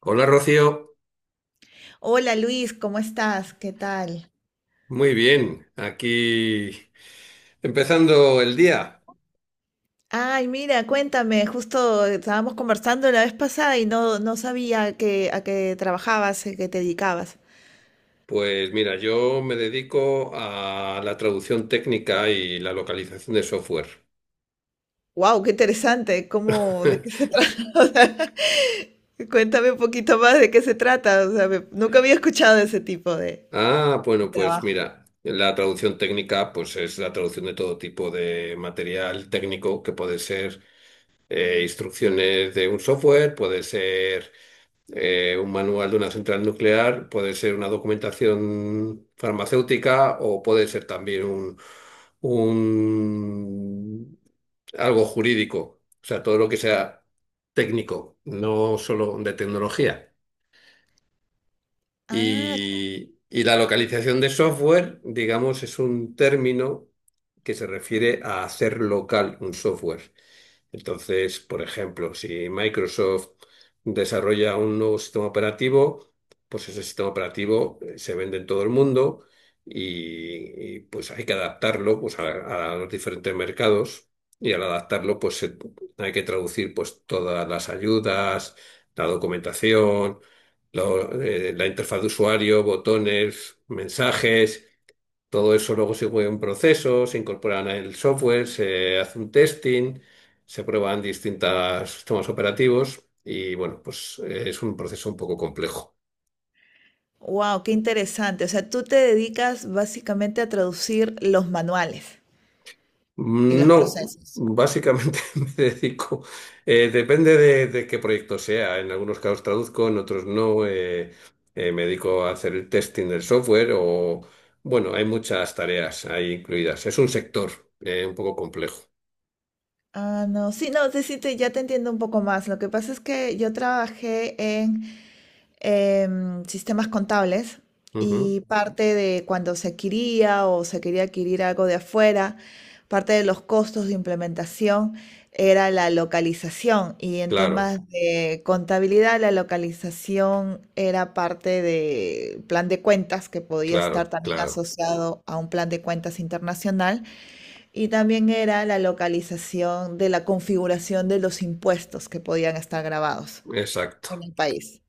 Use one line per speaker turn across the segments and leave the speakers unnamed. Hola Rocío,
Hola Luis, ¿cómo estás? ¿Qué tal?
muy bien, aquí empezando el día.
Ay, mira, cuéntame, justo estábamos conversando la vez pasada y no sabía que a qué trabajabas, a qué te dedicabas.
Pues mira, yo me dedico a la traducción técnica y la localización de software.
Wow, qué interesante, ¿cómo, de qué se trata? O sea, cuéntame un poquito más de qué se trata, o sea, nunca había escuchado de ese tipo
Ah,
de
bueno, pues
trabajo.
mira, la traducción técnica pues es la traducción de todo tipo de material técnico que puede ser instrucciones de un software, puede ser. Un manual de una central nuclear puede ser una documentación farmacéutica o puede ser también un- algo jurídico. O sea, todo lo que sea técnico, no solo de tecnología.
Ah,
Y la localización de software, digamos, es un término que se refiere a hacer local un software. Entonces, por ejemplo, si Microsoft desarrolla un nuevo sistema operativo, pues ese sistema operativo se vende en todo el mundo pues hay que adaptarlo pues, a los diferentes mercados y al adaptarlo hay que traducir pues todas las ayudas, la documentación, la interfaz de usuario, botones, mensajes. Todo eso luego se juega un proceso, se incorporan al software, se hace un testing, se prueban distintos sistemas operativos y bueno, pues es un proceso un poco complejo.
wow, qué interesante. O sea, tú te dedicas básicamente a traducir los manuales y los
No,
procesos.
básicamente depende de qué proyecto sea. En algunos casos traduzco, en otros no. Me dedico a hacer el testing del software bueno, hay muchas tareas ahí incluidas. Es un sector un poco complejo.
Ah, no, sí, no, sí, sí, ya te entiendo un poco más. Lo que pasa es que yo trabajé en sistemas contables
Ujú.
y parte de cuando se adquiría o se quería adquirir algo de afuera, parte de los costos de implementación era la localización, y en
Claro,
temas de contabilidad la localización era parte del plan de cuentas que podía estar
claro,
también
claro.
asociado a un plan de cuentas internacional, y también era la localización de la configuración de los impuestos que podían estar grabados
Exacto.
en el país.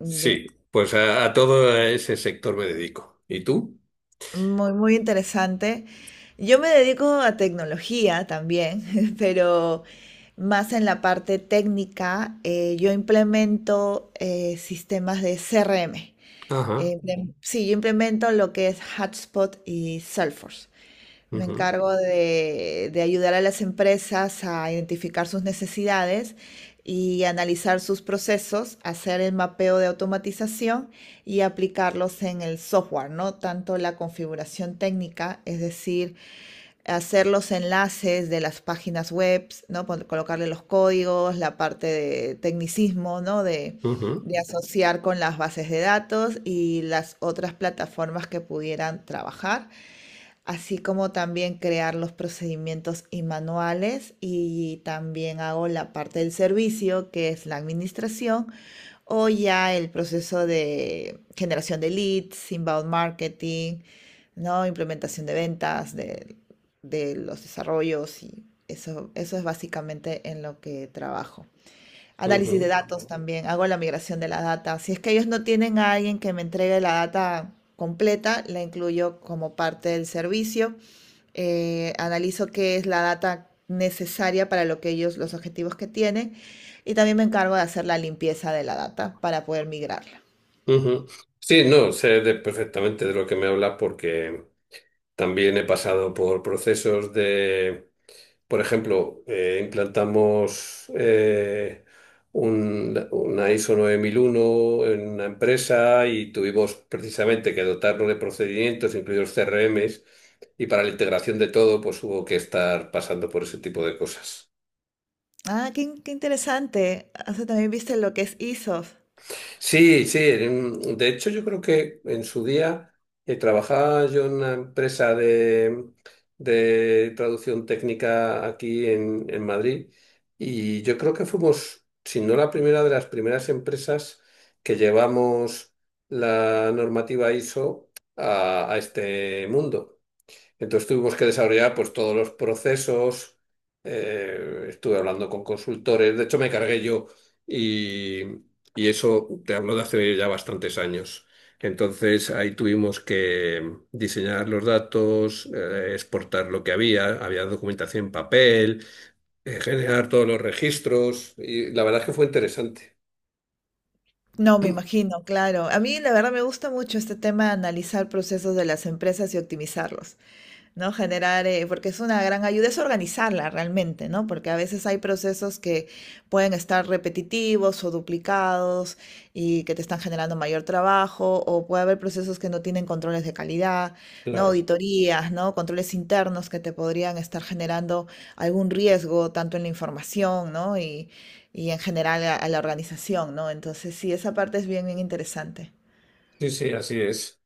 Ya.
Sí, pues a todo ese sector me dedico. ¿Y tú?
Muy, muy interesante. Yo me dedico a tecnología también, pero más en la parte técnica. Yo implemento sistemas de CRM.
Ajá.
Sí, yo implemento lo que es Hotspot y Salesforce. Me
Ujú,
encargo de ayudar a las empresas a identificar sus necesidades y analizar sus procesos, hacer el mapeo de automatización y aplicarlos en el software, ¿no? Tanto la configuración técnica, es decir, hacer los enlaces de las páginas web, ¿no? Colocarle los códigos, la parte de tecnicismo, ¿no?
ujú,
De asociar con las bases de datos y las otras plataformas que pudieran trabajar, así como también crear los procedimientos y manuales, y también hago la parte del servicio, que es la administración, o ya el proceso de generación de leads, inbound marketing, ¿no? Implementación de ventas, de los desarrollos, y eso es básicamente en lo que trabajo. Análisis de
ujú,
datos también, hago la migración de la data. Si es que ellos no tienen a alguien que me entregue la data completa, la incluyo como parte del servicio. Analizo qué es la data necesaria para lo que ellos, los objetivos que tienen, y también me encargo de hacer la limpieza de la data para poder migrarla.
ujú. Sí, no, perfectamente de lo que me hablas porque también he pasado por procesos de. Por ejemplo, implantamos una ISO 9001 en una empresa y tuvimos precisamente que dotarnos de procedimientos, incluidos CRMs, y para la integración de todo, pues hubo que estar pasando por ese tipo de cosas.
Ah, qué, qué interesante. O sea, también viste lo que es ISOs.
Sí, sí. De hecho, yo creo que en su día trabajaba yo en una empresa de traducción técnica aquí en Madrid y yo creo que fuimos, si no la primera, de las primeras empresas que llevamos la normativa ISO a este mundo. Entonces tuvimos que desarrollar pues todos los procesos, estuve hablando con consultores, de hecho me cargué yo y, y eso te hablo de hace ya bastantes años. Entonces ahí tuvimos que diseñar los datos, exportar lo que había, había documentación en papel, generar todos los registros y la verdad es que fue interesante.
No, me imagino, claro. A mí la verdad me gusta mucho este tema de analizar procesos de las empresas y optimizarlos. ¿No? Generar, porque es una gran ayuda, es organizarla realmente, ¿no? Porque a veces hay procesos que pueden estar repetitivos o duplicados y que te están generando mayor trabajo, o puede haber procesos que no tienen controles de calidad, ¿no?
Claro,
Auditorías, ¿no? Controles internos que te podrían estar generando algún riesgo, tanto en la información, ¿no? Y en general a la organización, ¿no? Entonces, sí, esa parte es bien, bien interesante.
sí, sí, así es.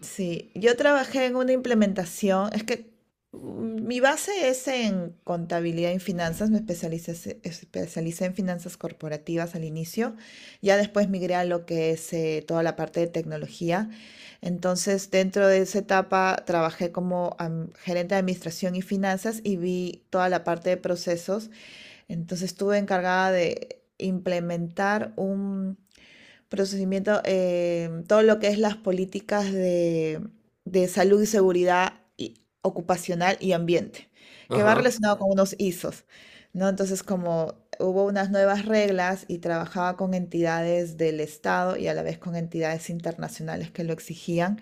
Sí, yo trabajé en una implementación, es que mm, mi base es en contabilidad y finanzas, especialicé en finanzas corporativas al inicio, ya después migré a lo que es toda la parte de tecnología, entonces dentro de esa etapa trabajé como gerente de administración y finanzas y vi toda la parte de procesos, entonces estuve encargada de implementar un procesamiento, todo lo que es las políticas de salud y seguridad ocupacional y ambiente, que va
Ajá.
relacionado con unos ISOs, ¿no? Entonces, como hubo unas nuevas reglas y trabajaba con entidades del Estado y a la vez con entidades internacionales que lo exigían,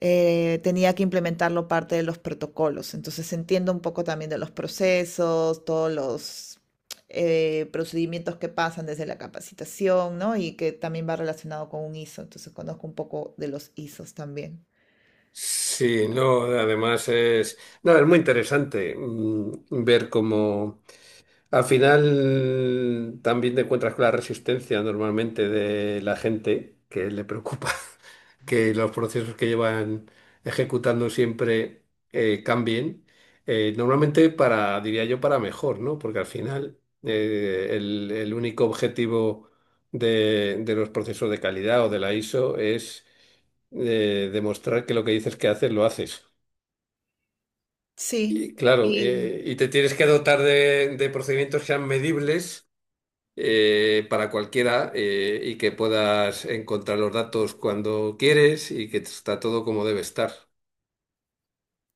tenía que implementarlo parte de los protocolos. Entonces entiendo un poco también de los procesos, todos los procedimientos que pasan desde la capacitación, ¿no? Y que también va relacionado con un ISO. Entonces conozco un poco de los ISOs también.
Sí, no, además es, no, es muy interesante, ver cómo, al final también te encuentras con la resistencia normalmente de la gente que le preocupa que los procesos que llevan ejecutando siempre cambien. Normalmente para, diría yo, para mejor, ¿no? Porque al final el único objetivo de los procesos de calidad o de la ISO es demostrar que lo que dices que haces, lo haces.
Sí,
Y claro,
y
y te tienes que dotar de procedimientos que sean medibles para cualquiera y que puedas encontrar los datos cuando quieres y que está todo como debe estar.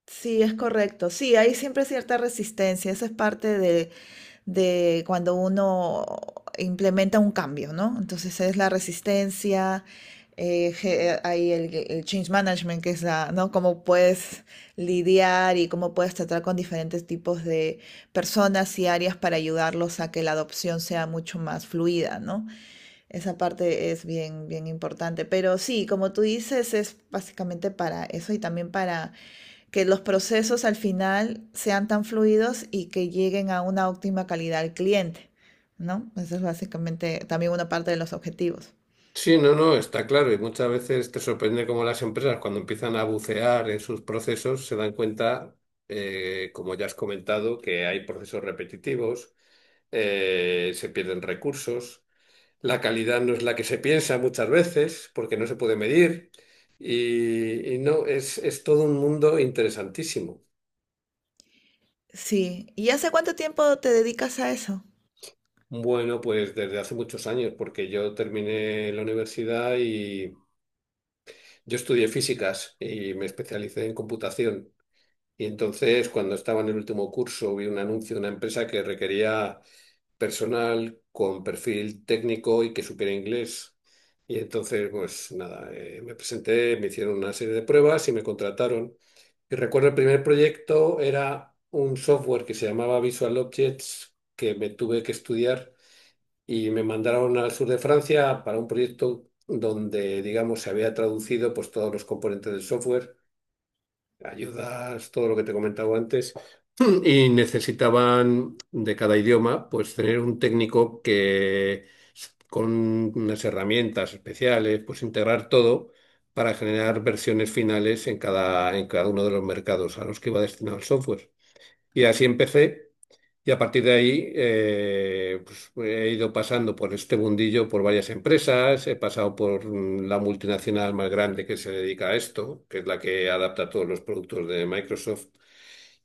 sí, es correcto. Sí, hay siempre cierta resistencia. Esa es parte de cuando uno implementa un cambio, ¿no? Entonces es la resistencia, hay el change management, que es la, ¿no? Cómo puedes lidiar y cómo puedes tratar con diferentes tipos de personas y áreas para ayudarlos a que la adopción sea mucho más fluida, ¿no? Esa parte es bien, bien importante. Pero sí, como tú dices, es básicamente para eso y también para que los procesos al final sean tan fluidos y que lleguen a una óptima calidad al cliente, ¿no? Eso es básicamente también una parte de los objetivos.
Sí, no, no, está claro. Y muchas veces te sorprende cómo las empresas, cuando empiezan a bucear en sus procesos, se dan cuenta, como ya has comentado, que hay procesos repetitivos, se pierden recursos, la calidad no es la que se piensa muchas veces, porque no se puede medir. Y no, es todo un mundo interesantísimo.
Sí, ¿y hace cuánto tiempo te dedicas a eso?
Bueno, pues desde hace muchos años, porque yo terminé la universidad y yo estudié físicas y me especialicé en computación. Y entonces, cuando estaba en el último curso, vi un anuncio de una empresa que requería personal con perfil técnico y que supiera inglés. Y entonces, pues nada, me presenté, me hicieron una serie de pruebas y me contrataron. Y recuerdo el primer proyecto era un software que se llamaba Visual Objects que me tuve que estudiar y me mandaron al sur de Francia para un proyecto donde, digamos, se había traducido pues, todos los componentes del software, ayudas, todo lo que te comentaba antes, y necesitaban de cada idioma pues tener un técnico que con unas herramientas especiales, pues integrar todo para generar versiones finales en cada uno de los mercados a los que iba destinado el software. Y así empecé. Y a partir de ahí pues, he ido pasando por este mundillo por varias empresas, he pasado por la multinacional más grande que se dedica a esto, que es la que adapta todos los productos de Microsoft,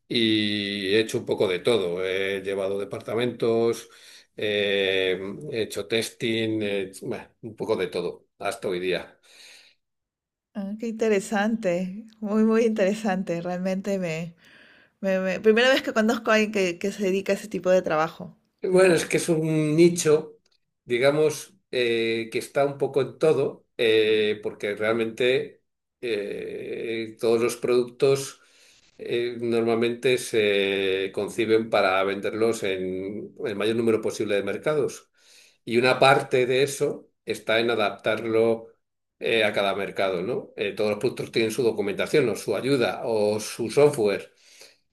y he hecho un poco de todo. He llevado departamentos, eh, he hecho testing, bueno, un poco de todo hasta hoy día.
Ah, qué interesante, muy, muy interesante. Realmente me, primera vez que conozco a alguien que se dedica a ese tipo de trabajo, de
Bueno, es
verdad.
que es un nicho, digamos, que está un poco en todo, porque realmente todos los productos normalmente se conciben para venderlos en el mayor número posible de mercados. Y una parte de eso está en adaptarlo a cada mercado, ¿no? Todos los productos tienen su documentación o su ayuda o su software.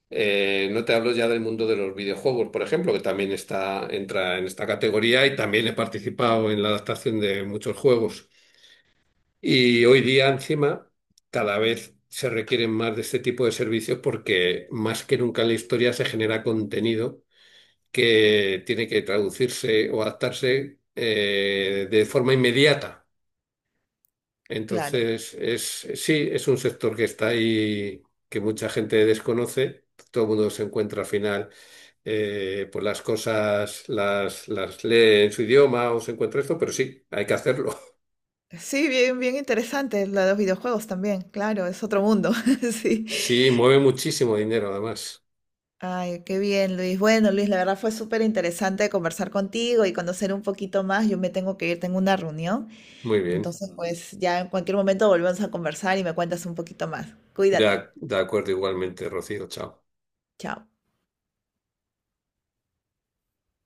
No te hablo ya del mundo de los videojuegos, por ejemplo, que también está, entra en esta categoría y también he participado en la adaptación de muchos juegos. Y hoy día, encima, cada vez se requieren más de este tipo de servicios porque más que nunca en la historia se genera contenido que tiene que traducirse o adaptarse de forma inmediata.
Claro.
Entonces, sí, es un sector que está ahí, que mucha gente desconoce. Todo el mundo se encuentra al final, pues las cosas las lee en su idioma o se encuentra esto, pero sí, hay que hacerlo.
Sí, bien, bien interesante. La de los videojuegos también, claro, es otro mundo, sí.
Sí, mueve muchísimo dinero además.
Ay, qué bien, Luis. Bueno, Luis, la verdad fue súper interesante conversar contigo y conocer un poquito más. Yo me tengo que ir, tengo una reunión.
Muy bien.
Entonces, pues ya en cualquier momento volvemos a conversar y me cuentas un poquito más.
De,
Cuídate.
ac- de acuerdo igualmente, Rocío. Chao.
Chao.